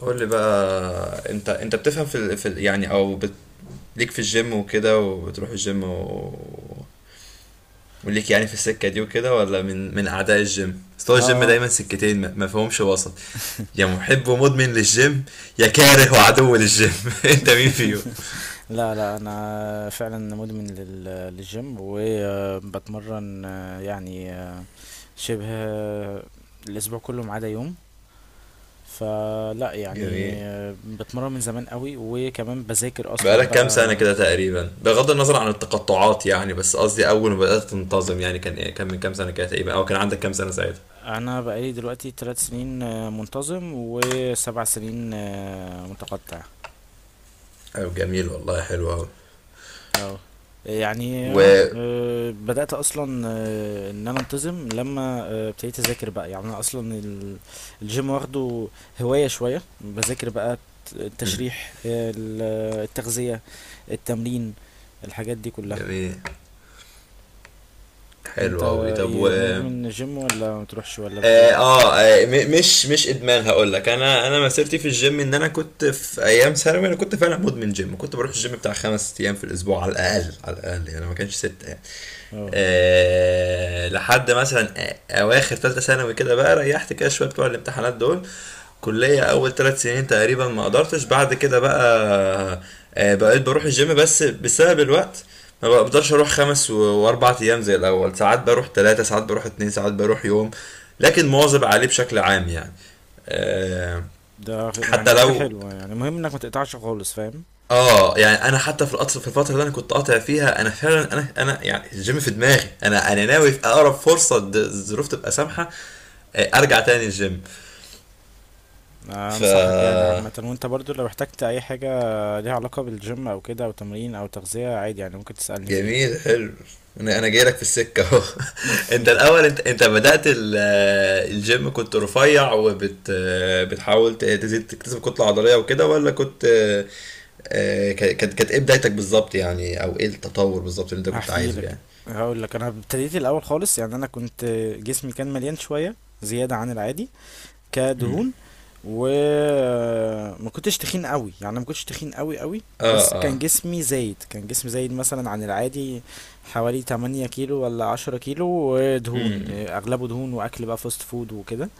قول لي بقى انت بتفهم يعني ليك في الجيم وكده وبتروح الجيم وليك يعني في السكة دي وكده ولا من أعداء الجيم؟ أصل هو الجيم اه دايما الفيلم. سكتين ما فيهمش وسط، يا محب ومدمن للجيم يا آه، ده كاره أيوة. وعدو للجيم انت مين فيهم؟ لا لا، انا فعلا مدمن للجيم وبتمرن يعني شبه الاسبوع كله ما عدا يوم. فلا يعني جميل. بتمرن من زمان قوي، وكمان بذاكر اصلا بقالك كام بقى. سنة كده تقريبا بغض النظر عن التقطعات يعني، بس قصدي أول ما بدأت تنتظم يعني كان إيه، كان من كام سنة كده تقريبا أو كان عندك كام سنة ساعتها؟ انا بقالي دلوقتي 3 سنين منتظم، وسبع سنين متقطع. أيوة جميل والله، حلو أوي. اه، يعني و اهو بدأت أصلا إن أنا أنتظم لما ابتديت أذاكر بقى. يعني أنا أصلا الجيم واخده هواية، شوية بذاكر بقى التشريح، التغذية، التمرين، الحاجات دي كلها. جميل أنت حلو قوي. طب إيه؟ مدمن الجيم ولا ما بتروحش ولا بتروح؟ آه، آه، مش ادمان. هقول لك انا مسيرتي في الجيم ان انا كنت في ايام ثانوي، انا كنت فعلا مدمن جيم، كنت بروح الجيم بتاع 5 ايام في الاسبوع على الاقل، على الاقل يعني ما كانش 6 يعني. اه، لحد مثلا اواخر ثالثه ثانوي كده بقى ريحت كده شويه بتوع الامتحانات دول. كليه اول 3 سنين تقريبا ما قدرتش بعد كده بقى. بقيت بروح الجيم بس بسبب الوقت، ما بقدرش اروح و4 ايام زي الاول، ساعات بروح 3، ساعات بروح 2، ساعات بروح يوم، لكن مواظب عليه بشكل عام يعني. آه، يعني حتى دي حاجة لو. حلوة، يعني مهم إنك ما تقطعش خالص، فاهم؟ اه يعني انا حتى في القطر في الفتره اللي انا كنت قاطع فيها، انا فعلا، انا يعني الجيم في دماغي، انا ناوي في اقرب فرصه الظروف تبقى سامحه ارجع تاني الجيم. ف أنصحك يعني عامة، وأنت برضو لو احتجت أي حاجة ليها علاقة بالجيم او كده، او تمرين او تغذية، عادي يعني ممكن تسألني فيها. جميل حلو. انا جاي لك في السكه اهو. انت الاول، انت بدات الجيم كنت رفيع وبت بتحاول تزيد تكتسب كتله عضليه وكده ولا كنت؟ كانت ايه بدايتك بالظبط يعني، او ايه التطور بالظبط اللي انت كنت هحكي عايزه لك، يعني؟ هقول لك. انا ابتديت الاول خالص. يعني انا كنت جسمي كان مليان شوية، زيادة عن العادي، كدهون. وما كنتش تخين قوي يعني، ما كنتش تخين قوي قوي، اه، بس كان اه، جسمي زايد، كان جسمي زايد مثلا عن العادي حوالي 8 كيلو ولا 10 كيلو، ودهون اغلبه دهون، واكل بقى فاست فود وكده.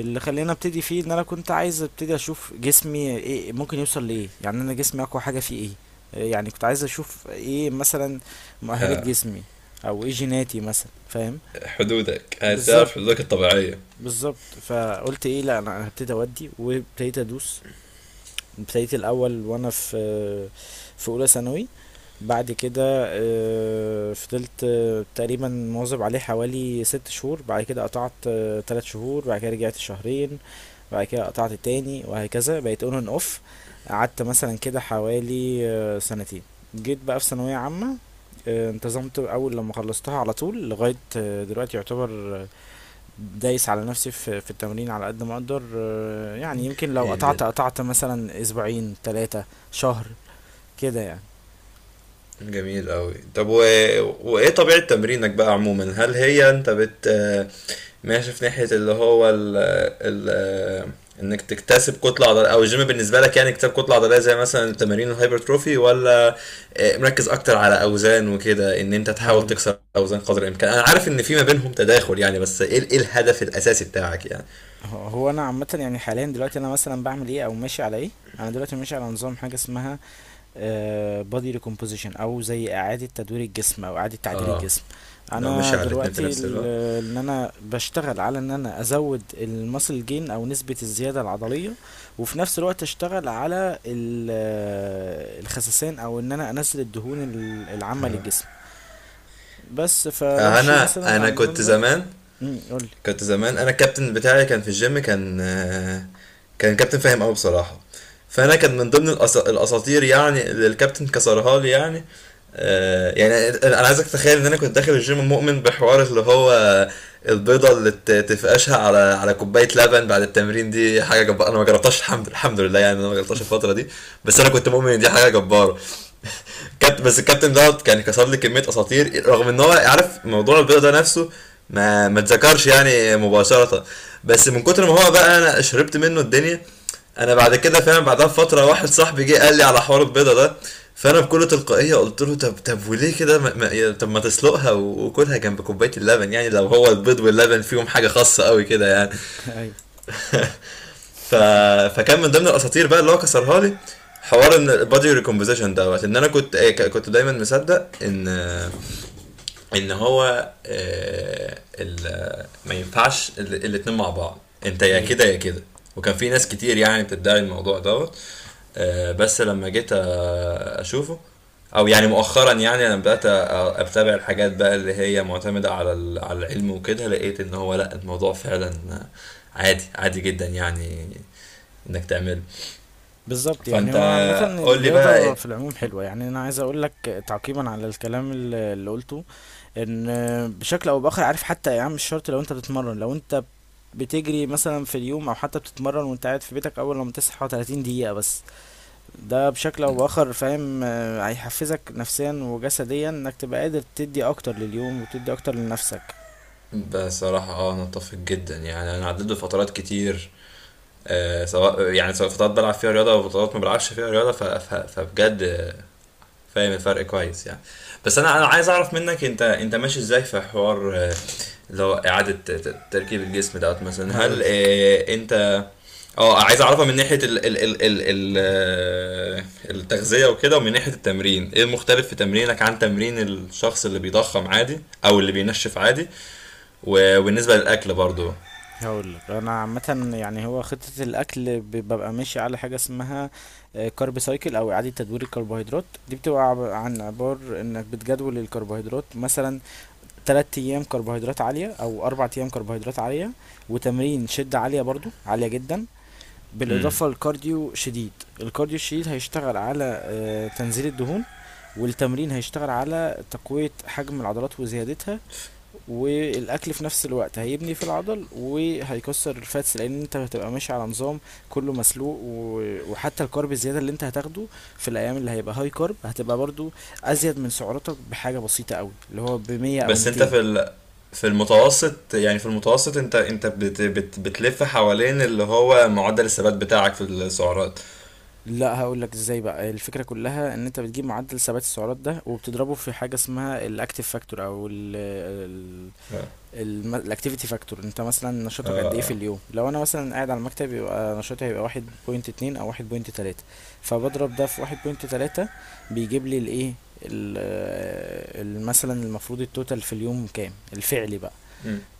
اللي خلاني ابتدي فيه، ان انا كنت عايز ابتدي اشوف جسمي ايه ممكن يوصل لايه. يعني انا جسمي اقوى حاجه فيه ايه؟ يعني كنت عايز اشوف ايه مثلا مؤهلات جسمي، او ايه جيناتي مثلا، فاهم؟ حدودك، عايز تعرف بالظبط حدودك الطبيعيه. بالظبط. فقلت ايه، لا، أنا هبتدي اودي، وابتديت ادوس. ابتديت الاول وانا في اولى ثانوي. بعد كده فضلت تقريبا مواظب عليه حوالي 6 شهور. بعد كده قطعت 3 شهور. بعد كده رجعت شهرين. بعد كده قطعت تاني وهكذا، بقيت اون اند اوف. قعدت مثلا كده حوالي سنتين. جيت بقى في ثانوية عامة، انتظمت أول لما خلصتها على طول لغاية دلوقتي يعتبر. آه، دايس على نفسي في التمرين على قد ما أقدر. يعني يمكن لو ايه بجد؟ قطعت قطعت مثلا أسبوعين، 3 شهر كده يعني. جميل أوي. طب وإيه طبيعة تمرينك بقى عموما؟ هل هي أنت ماشي في ناحية اللي هو ال... إنك تكتسب كتلة عضلية، أو الجيم بالنسبة لك يعني اكتساب كتلة عضلية زي مثلا تمارين الهايبرتروفي، ولا مركز أكتر على أوزان وكده، إن أنت تحاول هقول تكسر أوزان قدر الإمكان؟ أنا عارف إن في ما بينهم تداخل يعني، بس إيه إيه الهدف الأساسي بتاعك يعني؟ هو انا عامه، يعني حاليا دلوقتي انا مثلا بعمل ايه او ماشي على ايه. انا دلوقتي ماشي على نظام، حاجه اسمها بودي ريكومبوزيشن، او زي اعاده تدوير الجسم، او اعاده تعديل اه، الجسم. لو ماشي انا على الاتنين في دلوقتي نفس الوقت. ان انا بشتغل على ان انا ازود المسل جين، او نسبه الزياده العضليه. وفي نفس الوقت اشتغل على الخسسان، او ان انا انزل الدهون العامه للجسم. بس آه، فبمشي أنا مثلا أنا على النظام كنت ده. زمان قول لي. كنت زمان انا الكابتن بتاعي كان في الجيم، كان كابتن فاهم قوي بصراحه، فانا كان من ضمن الاساطير يعني اللي الكابتن كسرها لي يعني. يعني انا عايزك تتخيل ان انا كنت داخل الجيم مؤمن بحوار اللي هو البيضه اللي تفقشها على كوبايه لبن بعد التمرين دي حاجه جباره. انا ما جربتهاش، الحمد لله يعني، انا ما جربتهاش الفتره دي، بس انا كنت مؤمن ان دي حاجه جباره. كابتن، بس الكابتن دوت كان كسر لي كميه اساطير رغم ان هو عارف موضوع البيضه ده نفسه. ما اتذكرش يعني مباشره، بس من كتر ما هو بقى انا شربت منه الدنيا. انا بعد كده فاهم، بعدها بفتره واحد صاحبي جه قال لي على حوار البيضه ده، فانا بكل تلقائيه قلت له طب، طب وليه كده طب ما تسلقها وكلها جنب كوبايه اللبن يعني، لو هو البيض واللبن فيهم حاجه خاصه قوي كده يعني. ايوه، ف... فكان من ضمن الاساطير بقى اللي هو كسرها لي حوار ان البادي ريكومبوزيشن دوت. ان انا كنت كنت دايما مصدق ان ان هو ما ينفعش الاتنين مع بعض، انت يا ايوه، كده يا كده، وكان في ناس كتير يعني بتدعي الموضوع دوت. بس لما جيت اشوفه، او يعني مؤخرا يعني، لما بدات اتابع الحاجات بقى اللي هي معتمده على العلم وكده، لقيت ان هو لا، الموضوع فعلا عادي، عادي جدا يعني، انك تعمله. بالظبط. يعني فانت هو عامة قول لي بقى الرياضة ايه؟ في العموم حلوة. يعني أنا عايز أقول لك، تعقيبا على الكلام اللي قلته، إن بشكل أو بآخر، عارف حتى يا عم؟ مش شرط. لو أنت بتتمرن، لو أنت بتجري مثلا في اليوم، أو حتى بتتمرن وأنت قاعد في بيتك أول لما تصحى 30 دقيقة بس، ده بشكل أو بآخر فاهم هيحفزك نفسيا وجسديا، إنك تبقى قادر تدي أكتر لليوم وتدي أكتر لنفسك. بصراحة، انا اتفق جدا يعني، انا عديت بفترات كتير سواء يعني سواء فترات بلعب فيها رياضة او فترات ما بلعبش فيها رياضة، فبجد فاهم الفرق كويس يعني. بس انا عايز اعرف منك، انت ماشي ازاي في حوار اللي هو اعاده تركيب الجسم دوت مثلا؟ هل هقولك انت اه عايز اعرفها من ناحيه ال ال ال ال ال آه، التغذيه وكده ومن ناحيه التمرين؟ ايه المختلف في تمرينك عن تمرين الشخص اللي بيضخم عادي او اللي بينشف عادي؟ وبالنسبه للاكل برضو، هقول لك. انا عامه يعني، هو خطه الاكل ببقى ماشي على حاجه اسمها كارب سايكل، او اعاده تدوير الكربوهيدرات. دي بتبقى عن عبار انك بتجدول الكربوهيدرات، مثلا 3 ايام كربوهيدرات عاليه، او 4 ايام كربوهيدرات عاليه، وتمرين شده عاليه، برضو عاليه جدا، بالاضافه لكارديو شديد. الكارديو الشديد هيشتغل على تنزيل الدهون، والتمرين هيشتغل على تقويه حجم العضلات وزيادتها، والاكل في نفس الوقت هيبني في العضل وهيكسر الفاتس، لان انت هتبقى ماشي على نظام كله مسلوق. وحتى الكارب الزياده اللي انت هتاخده في الايام اللي هيبقى هاي كارب، هتبقى برضو ازيد من سعراتك بحاجه بسيطه قوي، اللي هو ب 100 او بس انت 200. في المتوسط يعني، في المتوسط، انت بت بت بتلف حوالين اللي هو معدل الثبات بتاعك في السعرات؟ لا، هقول لك ازاي. بقى الفكره كلها ان انت بتجيب معدل ثبات السعرات ده، وبتضربه في حاجه اسمها الاكتيف فاكتور، او الاكتيفيتي فاكتور. انت مثلا نشاطك قد ايه في اليوم؟ لو انا مثلا قاعد على المكتب، يبقى نشاطي هيبقى 1.2 او 1.3. فبضرب ده في 1.3، بيجيب لي الايه، مثلا المفروض التوتال في اليوم كام الفعلي بقى.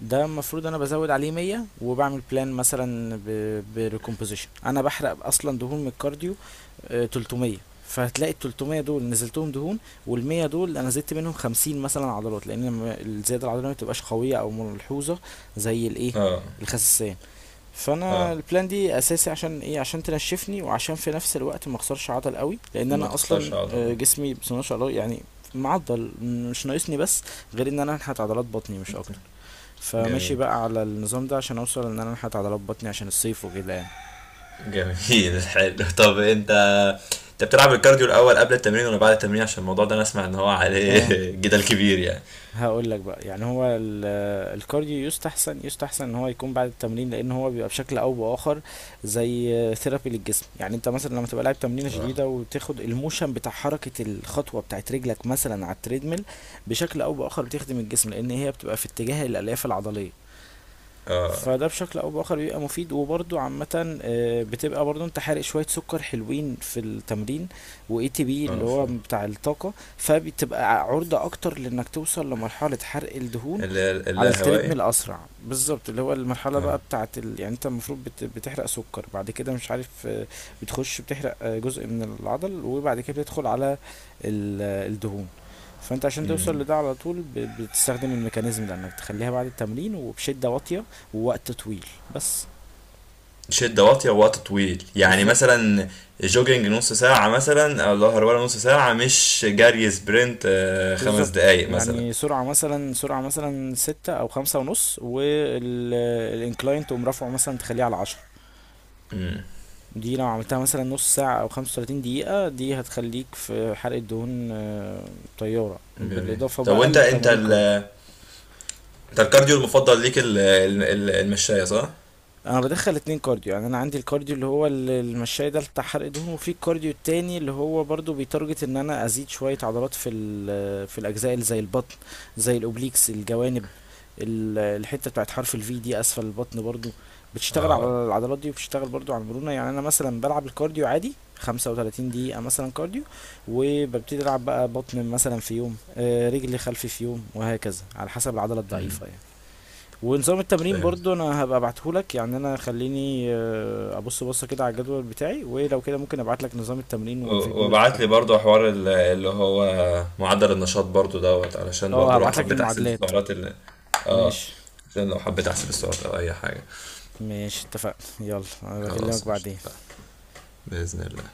ده المفروض انا بزود عليه 100، وبعمل بلان مثلا بريكومبوزيشن. انا بحرق اصلا دهون من الكارديو 300. فهتلاقي ال 300 دول نزلتهم دهون، وال 100 دول انا زدت منهم 50 مثلا عضلات، لان الزياده العضليه ما بتبقاش قويه او ملحوظه زي الايه، اه، الخسسان. فانا اه، البلان دي اساسي عشان ايه؟ عشان تنشفني، وعشان في نفس الوقت ما اخسرش عضل قوي، لان ما انا تخسرش اصلا عضلة. جسمي بسم الله ما شاء الله يعني، معضل مش ناقصني، بس غير ان انا انحت عضلات بطني مش اكتر. فماشي جميل، بقى على النظام ده عشان اوصل ان انا انحت عضلات بطني عشان الصيف وكده يعني. جميل. حلو. طب انت، انت بتلعب الكارديو الاول قبل التمرين ولا بعد التمرين؟ عشان الموضوع ده انا اسمع ان هو عليه اه، جدل كبير يعني. هقول لك بقى، يعني هو الكارديو يستحسن يستحسن ان هو يكون بعد التمرين، لان هو بيبقى بشكل او باخر زي ثيرابي للجسم. يعني انت مثلا لما تبقى لاعب تمرينه اه، شديده، وتاخد الموشن بتاع حركه الخطوه بتاعت رجلك مثلا على التريدميل، بشكل او باخر بتخدم الجسم، لان هي بتبقى في اتجاه الالياف العضليه. اه، فده بشكل او باخر بيبقى مفيد. وبرده عامه بتبقى برده انت حارق شويه سكر حلوين في التمرين، واي تي بي اللي اه. ف هو بتاع الطاقه، فبتبقى عرضه اكتر لانك توصل لمرحله حرق الدهون على اللاهوائي. التريدميل اسرع. بالظبط، اللي هو المرحله اه، بقى بتاعه يعني انت المفروض بتحرق سكر بعد كده، مش عارف، بتخش بتحرق جزء من العضل، وبعد كده بتدخل على ال... آه، الدهون. فانت عشان توصل امم لده على طول، بتستخدم الميكانيزم ده، انك تخليها بعد التمرين وبشده واطيه ووقت طويل بس. شدة واطية ووقت طويل يعني، بالظبط مثلا جوجينج نص ساعة مثلا او ظهر، ولا نص ساعة مش جري سبرنت خمس بالظبط، دقايق مثلا. يعني سرعة مثلا، سرعة مثلا ستة أو 5.5، والإنكلاين تقوم رافعه مثلا تخليه على 10. دي لو عملتها مثلا نص ساعة أو 35 دقيقة، دي هتخليك في حرقة دهون طيارة، جميل. بالإضافة طب بقى وانت انت لتمارين كارديو. انت الكارديو المفضل ليك المشاية، صح؟ انا بدخل اتنين كارديو. يعني انا عندي الكارديو اللي هو المشاية ده، بتاع حرق دهون، وفي الكارديو التاني اللي هو برضو بيتارجت ان انا ازيد شوية عضلات في الاجزاء اللي زي البطن، زي الاوبليكس الجوانب، الحتة بتاعت حرف الفي دي اسفل البطن، برضو بتشتغل على العضلات دي، وبتشتغل برضو على المرونة. يعني انا مثلا بلعب الكارديو عادي 35 دقيقة مثلا كارديو، وببتدي العب بقى بطن مثلا في يوم، رجل خلفي في يوم، وهكذا على حسب العضلة الضعيفة يعني. ونظام التمرين فهمت. برضو انا هبقى ابعتهولك، يعني انا خليني ابص بصه كده على الجدول بتاعي، ولو كده ممكن ابعتلك نظام التمرين والفيديوز وبعت لي بتاعتي. برضه حوار اللي هو معدل النشاط برضه دوت، علشان اه، برضه لو هبعتلك حبيت احسب المعادلات. السعرات اللي. اه. ماشي، عشان لو حبيت احسب السعرات او اي حاجة. ماشي اتفقنا، يلا انا بكلمك خلاص، قشطة، بعدين. اتفقنا. بإذن الله.